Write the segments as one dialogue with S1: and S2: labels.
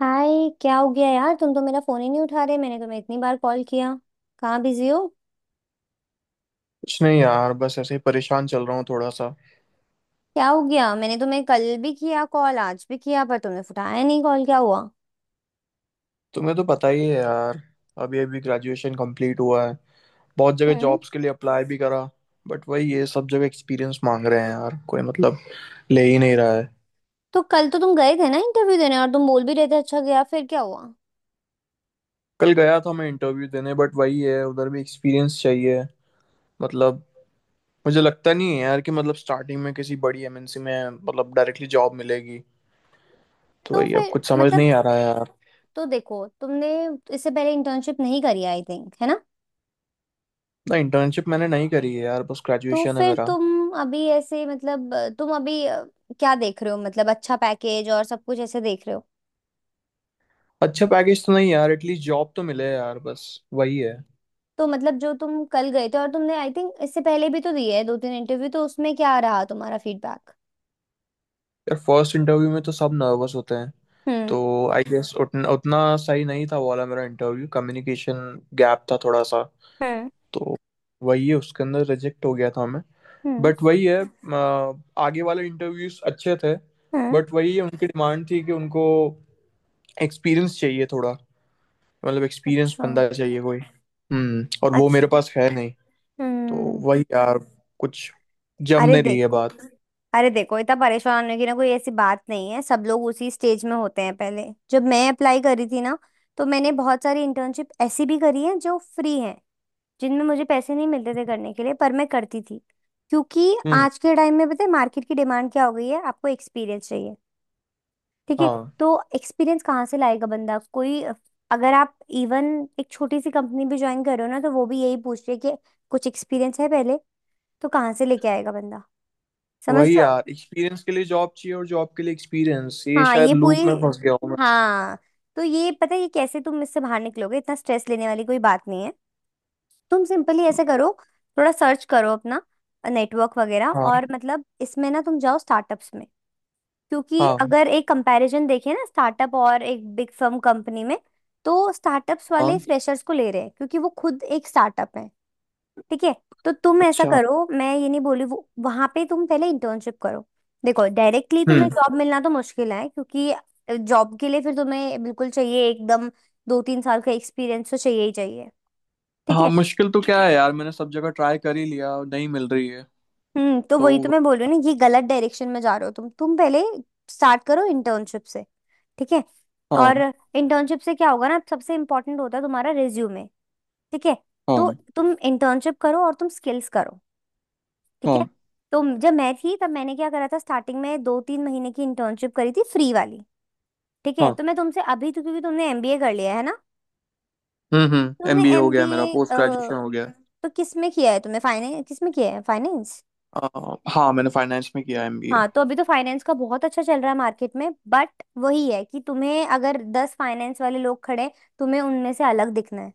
S1: हाय। क्या हो गया यार, तुम तो मेरा फोन ही नहीं उठा रहे। मैंने तुम्हें इतनी बार कॉल किया, कहाँ बिजी हो?
S2: कुछ नहीं यार, बस ऐसे ही परेशान चल रहा हूँ थोड़ा सा।
S1: क्या हो गया? मैंने तुम्हें कल भी किया कॉल, आज भी किया, पर तुमने उठाया नहीं कॉल। क्या हुआ?
S2: तुम्हें तो पता ही है यार। अभी अभी ग्रेजुएशन कंप्लीट हुआ है। बहुत जगह
S1: हम्म।
S2: जॉब्स के लिए अप्लाई भी करा, बट वही, ये सब जगह एक्सपीरियंस मांग रहे हैं यार, कोई मतलब ले ही नहीं रहा है।
S1: तो कल तो तुम गए थे ना इंटरव्यू देने, और तुम बोल भी रहे थे अच्छा गया, फिर क्या हुआ?
S2: कल गया था मैं इंटरव्यू देने, बट वही है, उधर भी एक्सपीरियंस चाहिए। मतलब मुझे लगता नहीं है यार कि मतलब स्टार्टिंग में किसी बड़ी एमएनसी में मतलब डायरेक्टली जॉब मिलेगी। तो
S1: तो
S2: वही, अब
S1: फिर
S2: कुछ समझ
S1: मतलब,
S2: नहीं आ रहा है यार।
S1: तो देखो तुमने इससे पहले इंटर्नशिप नहीं करी, आई थिंक, है ना?
S2: ना, इंटर्नशिप मैंने नहीं करी है यार, बस
S1: तो
S2: ग्रेजुएशन है
S1: फिर
S2: मेरा।
S1: तुम अभी ऐसे मतलब, तुम अभी क्या देख रहे हो मतलब? अच्छा पैकेज और सब कुछ ऐसे देख रहे हो?
S2: अच्छा पैकेज तो नहीं यार, एटलीस्ट जॉब तो मिले यार, बस वही है।
S1: तो मतलब जो तुम कल गए थे, और तुमने आई थिंक इससे पहले भी तो दिए है 2 3 इंटरव्यू, तो उसमें क्या रहा तुम्हारा फीडबैक?
S2: यार फर्स्ट इंटरव्यू में तो सब नर्वस होते हैं
S1: हम्म।
S2: तो। आई गेस उतना उतना सही नहीं था वो वाला मेरा इंटरव्यू, कम्युनिकेशन गैप था थोड़ा सा
S1: हम्म।
S2: तो। वही है, उसके अंदर रिजेक्ट हो गया था मैं।
S1: हम्म।
S2: बट वही है, आगे वाले इंटरव्यूज अच्छे थे।
S1: हम्म।
S2: बट वही है, उनकी डिमांड थी कि उनको एक्सपीरियंस चाहिए थोड़ा, मतलब एक्सपीरियंस
S1: अच्छा।
S2: बंदा चाहिए कोई। और वो मेरे
S1: अच्छा।
S2: पास है नहीं। तो
S1: हम्म।
S2: वही यार, कुछ जम
S1: अरे
S2: नहीं रही है
S1: देखो,
S2: बात।
S1: अरे देखो, इतना परेशान होने की ना कोई ऐसी बात नहीं है। सब लोग उसी स्टेज में होते हैं पहले। जब मैं अप्लाई करी थी ना, तो मैंने बहुत सारी इंटर्नशिप ऐसी भी करी है जो फ्री है, जिनमें मुझे पैसे नहीं मिलते थे करने के लिए, पर मैं करती थी। क्योंकि
S2: हम्म।
S1: आज के टाइम में पता है मार्केट की डिमांड क्या हो गई है, आपको एक्सपीरियंस चाहिए। ठीक है।
S2: हाँ
S1: तो एक्सपीरियंस कहाँ से लाएगा बंदा कोई? अगर आप इवन एक छोटी सी कंपनी भी ज्वाइन कर रहे हो ना, तो वो भी यही पूछ रही है कि कुछ एक्सपीरियंस है पहले। तो कहाँ से लेके आएगा बंदा? समझ
S2: वही
S1: रहे हो?
S2: यार, एक्सपीरियंस के लिए जॉब चाहिए और जॉब के लिए एक्सपीरियंस, ये
S1: हाँ
S2: शायद
S1: ये
S2: लूप
S1: पूरी।
S2: में फंस गया हूँ मैं।
S1: हाँ, तो ये पता है ये कैसे तुम इससे बाहर निकलोगे, इतना स्ट्रेस लेने वाली कोई बात नहीं है। तुम सिंपली ऐसे करो, थोड़ा सर्च करो अपना नेटवर्क वगैरह,
S2: हाँ।
S1: और मतलब इसमें ना तुम जाओ स्टार्टअप्स में। क्योंकि
S2: हाँ।
S1: अगर एक कंपैरिजन देखें ना, स्टार्टअप और एक बिग फर्म कंपनी में, तो स्टार्टअप्स वाले
S2: हाँ।
S1: फ्रेशर्स को ले रहे हैं, क्योंकि वो खुद एक स्टार्टअप है। ठीक है। तो तुम ऐसा
S2: अच्छा।
S1: करो, मैं ये नहीं बोली वो, वहां पे तुम पहले इंटर्नशिप करो। देखो डायरेक्टली तुम्हें
S2: हम्म।
S1: जॉब मिलना तो मुश्किल है, क्योंकि जॉब के लिए फिर तुम्हें बिल्कुल चाहिए, एकदम 2 3 साल का एक्सपीरियंस तो चाहिए ही चाहिए। ठीक
S2: हाँ,
S1: है।
S2: मुश्किल तो क्या है यार, मैंने सब जगह ट्राई कर ही लिया और नहीं मिल रही है।
S1: हम्म। तो वही तो
S2: तो।
S1: मैं बोल रही हूँ ना, ये गलत डायरेक्शन में जा रहे हो तुम पहले स्टार्ट करो इंटर्नशिप से। ठीक है।
S2: हाँ।
S1: और इंटर्नशिप से क्या होगा ना, सबसे इम्पोर्टेंट होता है तुम्हारा रिज्यूमे। ठीक है। तो
S2: हाँ।
S1: तुम इंटर्नशिप करो और तुम स्किल्स करो। ठीक है।
S2: हाँ।
S1: तो जब मैं थी तब मैंने क्या करा था, स्टार्टिंग में 2 3 महीने की इंटर्नशिप करी थी, फ्री वाली। ठीक है।
S2: हाँ।
S1: तो मैं तुमसे अभी तो, क्योंकि तुमने एमबीए कर लिया है ना।
S2: हम्म, हम्म,
S1: तुमने
S2: एमबीए हो गया
S1: एमबीए
S2: मेरा, पोस्ट ग्रेजुएशन हो गया।
S1: तो किस में किया है, तुमने फाइनेंस, किस में किया है, फाइनेंस?
S2: हाँ, मैंने फाइनेंस में किया एमबीए।
S1: हाँ तो अभी तो फाइनेंस का बहुत अच्छा चल रहा है मार्केट में, बट वही है कि तुम्हें, अगर 10 फाइनेंस वाले लोग खड़े हैं, तुम्हें उनमें से अलग दिखना है।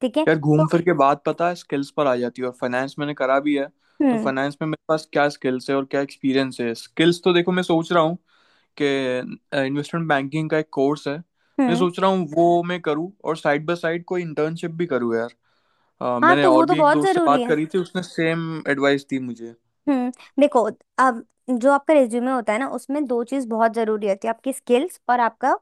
S1: ठीक है।
S2: यार घूम
S1: तो
S2: फिर के बात पता है स्किल्स पर आ जाती है, और फाइनेंस मैंने करा भी है। तो
S1: हम्म।
S2: फाइनेंस में मेरे पास क्या स्किल्स है और क्या एक्सपीरियंस है? स्किल्स तो देखो, मैं सोच रहा हूँ कि इन्वेस्टमेंट बैंकिंग का एक कोर्स है। मैं
S1: हम्म।
S2: सोच रहा हूँ वो मैं करूँ, और साइड बाय साइड कोई इंटर्नशिप भी करूँ यार।
S1: हाँ
S2: मैंने
S1: तो वो
S2: और
S1: तो
S2: भी एक
S1: बहुत
S2: दोस्त से
S1: जरूरी
S2: बात
S1: है।
S2: करी थी, उसने सेम एडवाइस दी मुझे।
S1: हम्म। देखो अब, जो आपका रिज्यूमे होता है ना, उसमें दो चीज बहुत जरूरी होती है, आपकी स्किल्स और आपका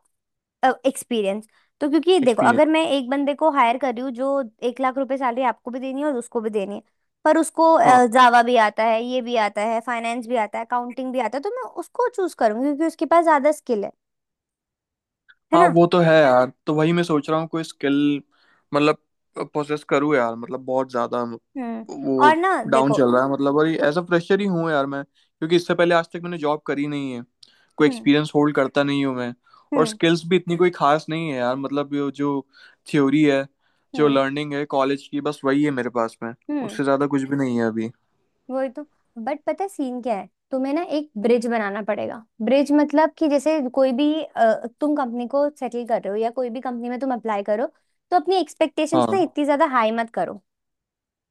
S1: एक्सपीरियंस। तो क्योंकि देखो,
S2: एक्सपीरियंस।
S1: अगर मैं एक बंदे को हायर कर रही हूँ जो 1 लाख रुपए सैलरी, आपको भी देनी है और उसको भी देनी है, पर उसको जावा भी आता है, ये भी आता है, फाइनेंस भी आता है, अकाउंटिंग भी आता है, तो मैं उसको चूज करूंगी, क्योंकि उसके पास ज्यादा स्किल है। है
S2: हाँ
S1: ना?
S2: वो तो है यार, तो वही मैं सोच रहा हूँ कोई स्किल मतलब पोसेस करूँ यार, मतलब बहुत ज्यादा
S1: हम्म।
S2: वो
S1: और ना
S2: डाउन
S1: देखो।
S2: चल रहा है, मतलब और एज अ फ्रेशर ही हूँ यार मैं, क्योंकि इससे पहले आज तक मैंने जॉब करी नहीं है, कोई
S1: हम्म।
S2: एक्सपीरियंस होल्ड करता नहीं हूँ मैं। और
S1: हम्म।
S2: स्किल्स भी इतनी कोई खास नहीं है यार, मतलब ये जो थ्योरी है, जो
S1: हम्म।
S2: लर्निंग है कॉलेज की, बस वही है मेरे पास में।
S1: हम्म।
S2: उससे ज़्यादा कुछ भी नहीं है अभी।
S1: वही तो। बट पता है सीन क्या है, तुम्हें ना एक ब्रिज बनाना पड़ेगा। ब्रिज मतलब कि जैसे कोई भी तुम कंपनी को सेटल कर रहे हो, या कोई भी कंपनी में तुम अप्लाई करो, तो अपनी एक्सपेक्टेशंस ना
S2: हाँ
S1: इतनी ज्यादा हाई मत करो।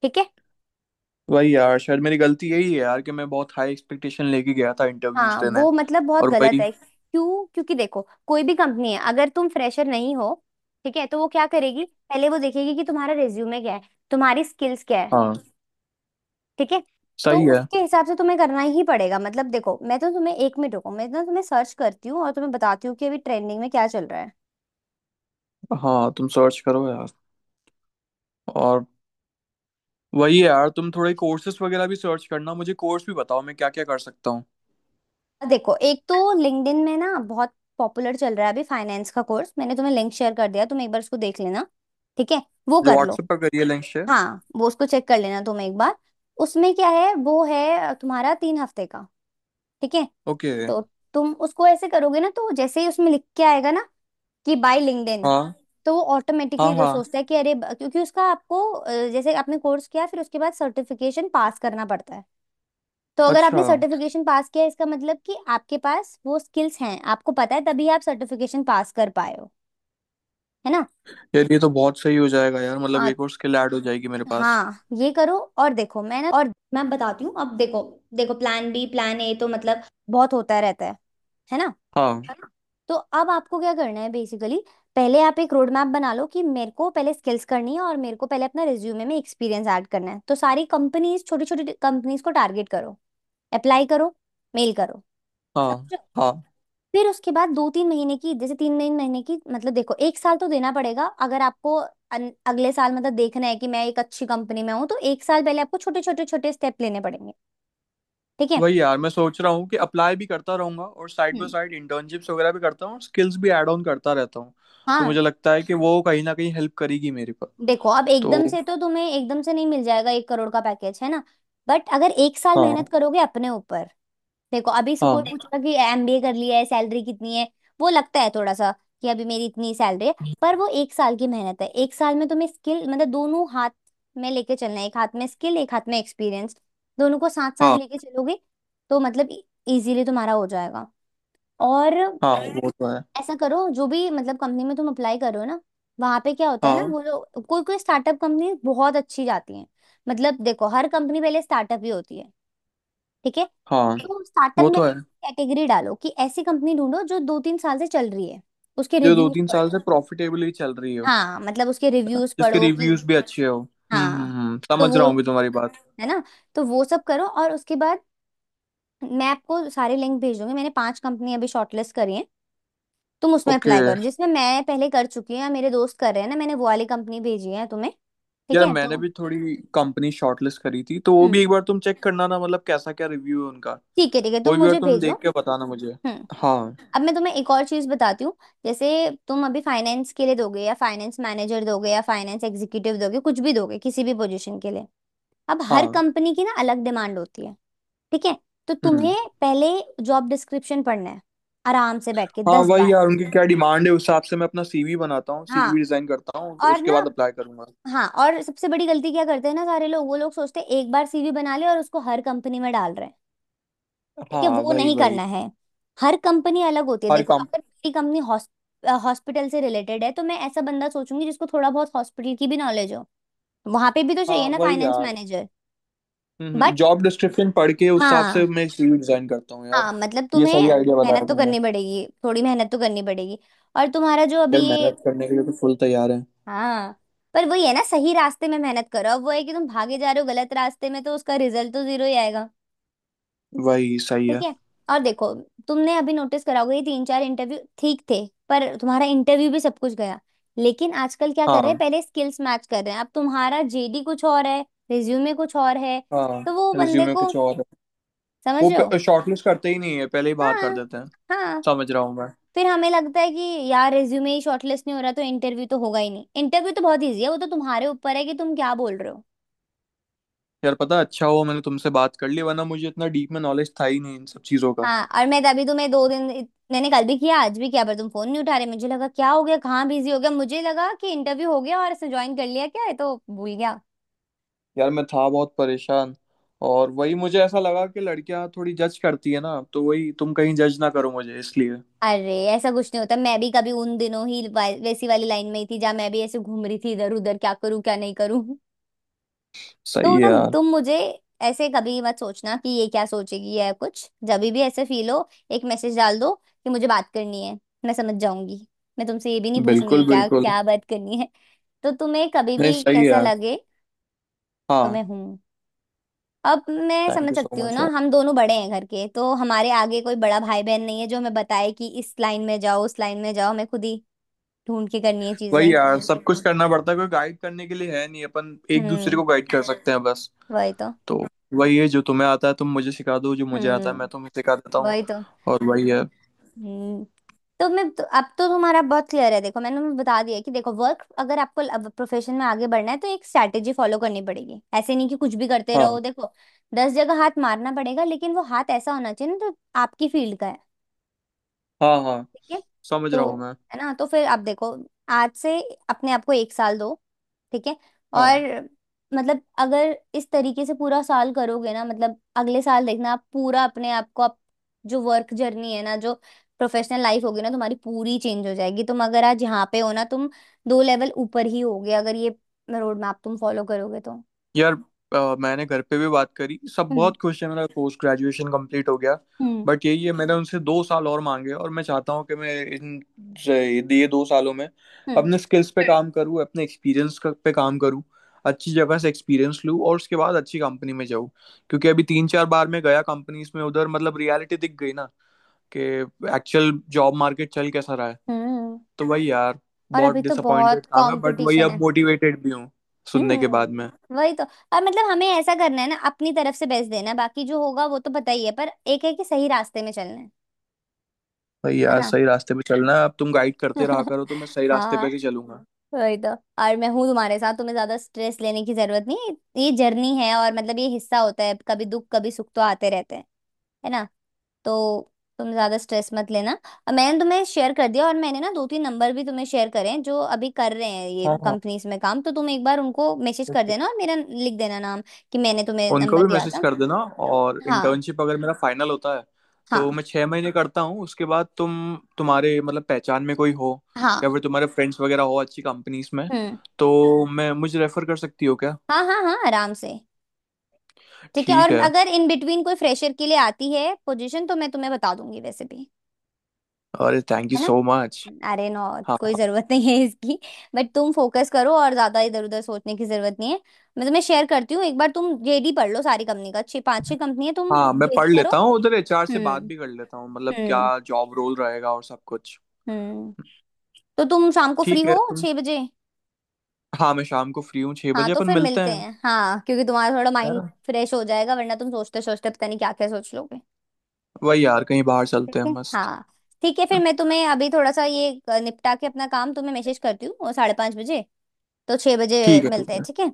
S1: ठीक है।
S2: वही यार, शायद मेरी गलती यही है यार कि मैं बहुत हाई एक्सपेक्टेशन लेके गया था इंटरव्यूज
S1: हाँ
S2: देने,
S1: वो मतलब बहुत
S2: और
S1: गलत
S2: वही।
S1: है। क्यों, क्योंकि देखो कोई भी कंपनी है, अगर तुम फ्रेशर नहीं हो, ठीक है, तो वो क्या करेगी, पहले वो देखेगी कि तुम्हारा रिज्यूमे क्या है, तुम्हारी स्किल्स क्या है।
S2: हाँ
S1: ठीक है। तो
S2: सही है।
S1: उसके हिसाब से तुम्हें करना ही पड़ेगा। मतलब देखो मैं तो तुम्हें, एक मिनट रुको, मैं ना तुम्हें सर्च करती हूँ और तुम्हें बताती हूँ कि अभी ट्रेंडिंग में क्या चल रहा है।
S2: हाँ, तुम सर्च करो यार। और वही है यार, तुम थोड़े कोर्सेज वगैरह भी सर्च करना, मुझे कोर्स भी बताओ, मैं क्या क्या कर सकता हूँ।
S1: देखो एक तो लिंक्डइन में ना बहुत पॉपुलर चल रहा है अभी फाइनेंस का कोर्स। मैंने तुम्हें लिंक शेयर कर दिया, तुम एक बार उसको देख लेना। ठीक है। वो
S2: जो
S1: कर लो।
S2: व्हाट्सएप पर करिए लिंक शेयर।
S1: हाँ वो उसको चेक कर लेना तुम एक बार। उसमें क्या है, वो है तुम्हारा 3 हफ्ते का। ठीक है।
S2: ओके।
S1: तो तुम उसको ऐसे करोगे ना, तो जैसे ही उसमें लिख के आएगा ना कि बाय लिंक्डइन,
S2: हाँ।
S1: तो वो
S2: हाँ।
S1: ऑटोमेटिकली जो
S2: हाँ।
S1: सोचता है कि अरे क्योंकि उसका आपको जैसे आपने कोर्स किया, फिर उसके बाद सर्टिफिकेशन पास करना पड़ता है। तो अगर
S2: अच्छा।
S1: आपने सर्टिफिकेशन पास किया, इसका मतलब कि आपके पास वो स्किल्स हैं, आपको पता है, तभी आप सर्टिफिकेशन पास कर पाए हो। है ना?
S2: यार ये तो बहुत सही हो जाएगा यार, मतलब
S1: हाँ।
S2: एक और स्किल ऐड हो जाएगी मेरे पास।
S1: हाँ ये करो, और देखो मैं ना, और मैं बताती हूँ, अब देखो। देखो प्लान बी, प्लान ए तो मतलब बहुत होता रहता है। है ना?
S2: हाँ।
S1: तो अब आपको क्या करना है बेसिकली, पहले आप एक रोड मैप बना लो कि मेरे को पहले स्किल्स करनी है, और मेरे को पहले अपना रिज्यूमे में एक्सपीरियंस ऐड करना है। तो सारी कंपनीज, छोटी छोटी कंपनीज को टारगेट करो, अप्लाई करो, मेल करो,
S2: हाँ।
S1: समझो।
S2: हाँ।
S1: फिर उसके बाद 2 3 महीने की, जैसे 3 3 महीने की, मतलब देखो एक साल तो देना पड़ेगा। अगर आपको अगले साल मतलब देखना है कि मैं एक अच्छी कंपनी में हूँ, तो एक साल पहले आपको छोटे छोटे छोटे स्टेप लेने पड़ेंगे। ठीक है।
S2: वही यार, मैं सोच रहा हूँ कि अप्लाई भी करता रहूंगा और side by
S1: hmm.
S2: Side internships वगैरह भी करता हूँ, स्किल्स भी ऐड ऑन करता रहता हूँ। तो
S1: हाँ
S2: मुझे लगता है कि वो कहीं ना कहीं हेल्प करेगी मेरे पर।
S1: देखो, अब
S2: तो।
S1: एकदम से तो तुम्हें, एकदम से नहीं मिल जाएगा 1 करोड़ का पैकेज, है ना? बट अगर एक साल मेहनत
S2: हाँ।
S1: करोगे अपने ऊपर, देखो अभी से कोई
S2: हाँ।
S1: पूछेगा कि एमबीए कर लिया है, सैलरी कितनी है, वो लगता है थोड़ा सा कि अभी मेरी इतनी सैलरी है, पर वो एक साल की मेहनत है। एक साल में तुम्हें स्किल मतलब, दोनों हाथ में लेके चलना है, एक हाथ में स्किल एक हाथ में एक्सपीरियंस, दोनों को साथ साथ
S2: हाँ।
S1: लेके चलोगे तो मतलब इजीली तुम्हारा हो जाएगा। और
S2: हाँ। वो तो है।
S1: ऐसा करो, जो भी मतलब कंपनी में तुम अप्लाई करो ना, वहां पे क्या होता है ना,
S2: हाँ।
S1: वो लोग कोई कोई स्टार्टअप कंपनी बहुत अच्छी जाती है। मतलब देखो हर कंपनी पहले स्टार्टअप ही होती है। ठीक है।
S2: हाँ।
S1: तो स्टार्टअप
S2: वो
S1: में
S2: तो
S1: भी
S2: है,
S1: कैटेगरी डालो कि ऐसी कंपनी ढूंढो जो 2 3 साल से चल रही है। उसके
S2: जो दो
S1: रिव्यूज
S2: तीन साल
S1: पढ़ो।
S2: से प्रॉफिटेबली चल रही हो,
S1: हाँ
S2: है
S1: मतलब उसके
S2: ना,
S1: रिव्यूज
S2: जिसके
S1: पढ़ो कि।
S2: रिव्यूज भी अच्छे हो। हम्म, हम्म,
S1: हाँ
S2: हम्म,
S1: तो
S2: समझ रहा
S1: वो,
S2: हूँ भी तुम्हारी बात।
S1: है ना। तो वो सब करो और उसके बाद मैं आपको सारे लिंक भेज दूंगी। मैंने 5 कंपनी अभी शॉर्टलिस्ट करी हैं। तुम उसमें
S2: ओके।
S1: अप्लाई करो, जिसमें मैं पहले कर चुकी हूँ या मेरे दोस्त कर रहे हैं ना, मैंने वो वाली कंपनी भेजी है तुम्हें। ठीक
S2: यार
S1: है
S2: मैंने
S1: तो।
S2: भी थोड़ी कंपनी शॉर्टलिस्ट करी थी, तो वो भी
S1: हम्म।
S2: एक बार तुम चेक करना ना, मतलब कैसा क्या रिव्यू है उनका।
S1: ठीक है ठीक है,
S2: वो
S1: तुम
S2: भी एक बार
S1: मुझे
S2: तुम
S1: भेजो।
S2: देख के बताना मुझे।
S1: हम्म।
S2: हाँ।
S1: अब मैं तुम्हें एक और चीज बताती हूँ। जैसे तुम अभी फाइनेंस के लिए दोगे, या फाइनेंस मैनेजर दोगे, या फाइनेंस एग्जीक्यूटिव दोगे, कुछ भी दोगे किसी भी पोजीशन के लिए, अब हर
S2: हाँ।
S1: कंपनी की ना अलग डिमांड होती है। ठीक है। तो
S2: हम्म।
S1: तुम्हें पहले जॉब डिस्क्रिप्शन पढ़ना है, आराम से बैठ के
S2: हाँ
S1: दस
S2: वही
S1: बार
S2: यार, उनकी क्या डिमांड है, उस हिसाब से मैं अपना सीवी बनाता हूँ,
S1: हाँ
S2: सीवी डिजाइन करता हूँ,
S1: और
S2: उसके
S1: ना,
S2: बाद अप्लाई करूंगा।
S1: हाँ और सबसे बड़ी गलती क्या करते हैं ना सारे लोग, वो लोग सोचते हैं एक बार सीवी बना ले और उसको हर कंपनी में डाल रहे हैं। ठीक है,
S2: हाँ
S1: वो
S2: वही
S1: नहीं
S2: वही।
S1: करना है। हर कंपनी अलग होती है।
S2: हर
S1: देखो
S2: कम
S1: अगर मेरी कंपनी हॉस्पिटल से रिलेटेड है, तो मैं ऐसा बंदा सोचूंगी जिसको थोड़ा बहुत हॉस्पिटल की भी नॉलेज हो, वहां पे भी तो
S2: हाँ
S1: चाहिए ना
S2: वही
S1: फाइनेंस
S2: यार।
S1: मैनेजर। बट
S2: जॉब डिस्क्रिप्शन पढ़ के उस हिसाब
S1: हाँ,
S2: से मैं एक सीवी डिजाइन करता हूँ यार।
S1: हाँ मतलब
S2: ये सही
S1: तुम्हें
S2: आइडिया
S1: मेहनत
S2: बताया
S1: तो
S2: तुमने।
S1: करनी पड़ेगी, थोड़ी मेहनत तो करनी पड़ेगी। और तुम्हारा जो अभी
S2: यार
S1: ये,
S2: मेहनत करने के लिए तो फुल तैयार है।
S1: हाँ पर वही है ना, सही रास्ते में मेहनत करो। अब वो है कि तुम भागे जा रहे हो गलत रास्ते में, तो उसका रिजल्ट तो जीरो ही आएगा।
S2: वही सही
S1: ठीक
S2: है।
S1: है। और देखो तुमने अभी नोटिस करा होगा, ये 3 4 इंटरव्यू ठीक थे, पर तुम्हारा इंटरव्यू भी सब कुछ गया, लेकिन आजकल क्या कर रहे हैं,
S2: हाँ।
S1: पहले स्किल्स मैच कर रहे हैं। अब तुम्हारा जेडी कुछ और है, रिज्यूमे कुछ और है,
S2: हाँ।
S1: तो वो बंदे
S2: रिज्यूमे
S1: को,
S2: कुछ और है।
S1: समझ रहे हो?
S2: वो शॉर्टलिस्ट करते ही नहीं है, पहले ही बाहर कर
S1: हाँ।
S2: देते हैं।
S1: हाँ
S2: समझ रहा हूँ मैं।
S1: फिर हमें लगता है कि यार रिज्यूमे ही शॉर्टलिस्ट नहीं हो रहा, तो इंटरव्यू तो होगा ही नहीं। इंटरव्यू तो बहुत ईजी है, वो तो तुम्हारे ऊपर है कि तुम क्या बोल रहे हो।
S2: यार पता है, अच्छा हुआ मैंने तुमसे बात कर ली, वरना मुझे इतना डीप में नॉलेज था ही नहीं इन सब चीज़ों का।
S1: हाँ और मैं तभी तुम्हें 2 दिन, मैंने कल भी किया आज भी किया, पर तुम फोन नहीं उठा रहे, मुझे लगा क्या हो गया, कहाँ बिजी हो गया, मुझे लगा कि इंटरव्यू हो गया और इसने ज्वाइन कर लिया क्या है, तो भूल गया।
S2: यार मैं था बहुत परेशान। और वही मुझे ऐसा लगा कि लड़कियां थोड़ी जज करती है ना, तो वही तुम कहीं जज ना करो मुझे इसलिए।
S1: अरे ऐसा कुछ नहीं होता, मैं भी कभी उन दिनों ही वैसी वाली लाइन में ही थी जहाँ मैं भी ऐसे घूम रही थी इधर उधर, क्या करूँ क्या नहीं करूँ।
S2: सही
S1: तो
S2: है
S1: ना,
S2: यार।
S1: तुम मुझे ऐसे कभी मत सोचना कि ये क्या सोचेगी या कुछ। जब भी ऐसे फील हो एक मैसेज डाल दो कि मुझे बात करनी है। मैं समझ जाऊंगी। मैं तुमसे ये भी नहीं पूछूंगी
S2: बिल्कुल,
S1: क्या
S2: बिल्कुल।
S1: क्या बात करनी है। तो तुम्हें कभी
S2: नहीं,
S1: भी
S2: सही है
S1: ऐसा
S2: यार।
S1: लगे तो
S2: हाँ।
S1: मैं हूँ। अब मैं
S2: थैंक
S1: समझ
S2: यू
S1: सकती
S2: सो
S1: हूँ
S2: मच
S1: ना,
S2: यार।
S1: हम दोनों बड़े हैं घर के, तो हमारे आगे कोई बड़ा भाई बहन नहीं है जो हमें बताए कि इस लाइन में जाओ उस लाइन में जाओ। हमें खुद ही ढूंढ के करनी है चीजें।
S2: वही यार, सब कुछ करना पड़ता है, कोई गाइड करने के लिए है नहीं, अपन एक दूसरे
S1: हम्म।
S2: को गाइड कर सकते हैं बस।
S1: वही तो।
S2: तो वही है, जो तुम्हें आता है तुम मुझे सिखा दो, जो मुझे आता है मैं तुम्हें
S1: हम्म।
S2: सिखा देता हूँ।
S1: वही तो
S2: और
S1: तो,
S2: वही है।
S1: हम्म। तो मैं तो, अब तो तुम्हारा बहुत क्लियर है। देखो, मैंने तुम्हें बता दिया है कि देखो, वर्क, अगर आपको प्रोफेशन में आगे बढ़ना है तो एक स्ट्रैटेजी फॉलो करनी पड़ेगी। ऐसे नहीं कि कुछ भी करते
S2: हाँ।
S1: रहो। देखो, 10 जगह हाथ मारना पड़ेगा लेकिन वो हाथ ऐसा होना चाहिए ना तो आपकी फील्ड का है।
S2: हाँ। हाँ।
S1: ठीक है?
S2: समझ रहा हूँ
S1: तो,
S2: मैं।
S1: है ना, तो फिर आप देखो, आज से अपने आप को एक साल दो। ठीक है? और,
S2: हाँ।
S1: मतलब अगर इस तरीके से पूरा साल करोगे ना, मतलब अगले साल देखना, आप पूरा अपने आप को, आप जो वर्क जर्नी है ना, जो प्रोफेशनल लाइफ होगी ना तुम्हारी, पूरी चेंज हो जाएगी। तुम अगर आज यहाँ पे हो ना, तुम 2 लेवल ऊपर ही होगे अगर ये रोड मैप तुम फॉलो करोगे तो।
S2: यार मैंने घर पे भी बात करी, सब
S1: हम्म।
S2: बहुत खुश है, मेरा पोस्ट ग्रेजुएशन कंप्लीट हो गया।
S1: हम्म।
S2: बट यही है, मैंने उनसे 2 साल और मांगे, और मैं चाहता हूँ कि मैं से- ये 2 सालों में
S1: हम्म।
S2: अपने स्किल्स पे काम करूँ, अपने एक्सपीरियंस पे काम करूँ, अच्छी जगह से एक्सपीरियंस लूँ और उसके बाद अच्छी कंपनी में जाऊँ। क्योंकि अभी 3-4 बार मैं गया कंपनीज में उधर, मतलब रियलिटी दिख गई ना कि एक्चुअल जॉब मार्केट चल कैसा रहा है।
S1: हम्म।
S2: तो वही यार,
S1: और
S2: बहुत
S1: अभी तो
S2: डिसअपॉइंटेड
S1: बहुत
S2: था मैं, बट वही
S1: कंपटीशन
S2: अब
S1: है।
S2: मोटिवेटेड भी हूँ सुनने के बाद में।
S1: हम्म, वही तो। अब मतलब हमें ऐसा करना है ना, अपनी तरफ से बेस्ट देना है। बाकी जो होगा वो तो पता ही है, पर एक है कि सही रास्ते में चलना है।
S2: भाई
S1: है
S2: यार
S1: ना?
S2: सही रास्ते पे चलना है, अब तुम गाइड करते रहा करो तो मैं सही रास्ते पे
S1: हाँ,
S2: ही चलूंगा।
S1: वही तो। और मैं हूँ तुम्हारे साथ, तुम्हें ज्यादा स्ट्रेस लेने की जरूरत नहीं है। ये जर्नी है और मतलब ये हिस्सा होता है। कभी दुख कभी सुख तो आते रहते हैं। है ना? तो तुम ज्यादा स्ट्रेस मत लेना। और मैंने तुम्हें शेयर कर दिया, और मैंने ना दो तीन नंबर भी तुम्हें शेयर करे हैं जो अभी कर रहे हैं ये
S2: हाँ। हाँ।
S1: कंपनीज में काम। तो तुम एक बार उनको मैसेज कर
S2: ओके।
S1: देना और मेरा लिख देना नाम कि मैंने तुम्हें
S2: उनको
S1: नंबर
S2: भी
S1: दिया
S2: मैसेज
S1: था।
S2: कर देना। और
S1: हाँ
S2: इंटर्नशिप अगर मेरा फाइनल होता है तो
S1: हाँ
S2: मैं 6 महीने करता हूँ, उसके बाद तुम, तुम्हारे मतलब पहचान में कोई हो, या
S1: हाँ।
S2: फिर तुम्हारे फ्रेंड्स वगैरह हो अच्छी कंपनीज में,
S1: हम्म।
S2: तो मैं, मुझे रेफर कर सकती हो क्या?
S1: हाँ हाँ हाँ, आराम से। ठीक है,
S2: ठीक
S1: और
S2: है।
S1: अगर इन बिटवीन कोई फ्रेशर के लिए आती है पोजीशन तो मैं तुम्हें बता दूंगी वैसे भी।
S2: अरे थैंक यू
S1: है ना?
S2: So much.
S1: अरे नो,
S2: हाँ।
S1: कोई जरूरत नहीं है इसकी। बट तुम फोकस करो और ज्यादा इधर उधर सोचने की जरूरत नहीं है। मतलब मैं तुम्हें शेयर करती हूँ, एक बार तुम जेडी पढ़ लो सारी कंपनी का। छह पांच छह कंपनी है। तुम
S2: हाँ मैं
S1: जेडी
S2: पढ़
S1: करो।
S2: लेता हूँ, उधर एचआर से बात
S1: हम्म।
S2: भी कर लेता हूँ, मतलब
S1: हम्म।
S2: क्या जॉब रोल रहेगा और सब कुछ।
S1: हम्म। तो तुम शाम को फ्री
S2: ठीक है
S1: हो
S2: तुम।
S1: 6 बजे?
S2: हाँ, मैं शाम को फ्री हूँ, छह
S1: हाँ
S2: बजे
S1: तो
S2: अपन
S1: फिर
S2: मिलते
S1: मिलते
S2: हैं।
S1: हैं, हाँ, क्योंकि तुम्हारा थोड़ा
S2: है
S1: माइंड
S2: ना,
S1: फ्रेश हो जाएगा, वरना तुम सोचते सोचते पता नहीं क्या क्या सोच लोगे।
S2: वही यार कहीं बाहर
S1: ठीक
S2: चलते हैं
S1: है,
S2: मस्त।
S1: हाँ। ठीक है, फिर मैं तुम्हें अभी थोड़ा सा ये निपटा के अपना काम तुम्हें मैसेज करती हूँ, और 5:30 बजे, तो 6 बजे
S2: ठीक है,
S1: मिलते
S2: ठीक
S1: हैं।
S2: है।
S1: ठीक है।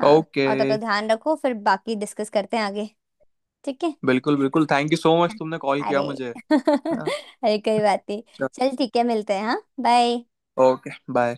S1: हाँ,
S2: ओके।
S1: और तब तक ध्यान रखो, फिर बाकी डिस्कस करते हैं आगे। ठीक है।
S2: बिल्कुल, बिल्कुल, थैंक यू सो मच तुमने कॉल
S1: अरे।
S2: किया मुझे। हाँ।
S1: अरे, कोई बात नहीं।
S2: चल।
S1: चल ठीक है, मिलते हैं। हाँ, बाय।
S2: Okay bye.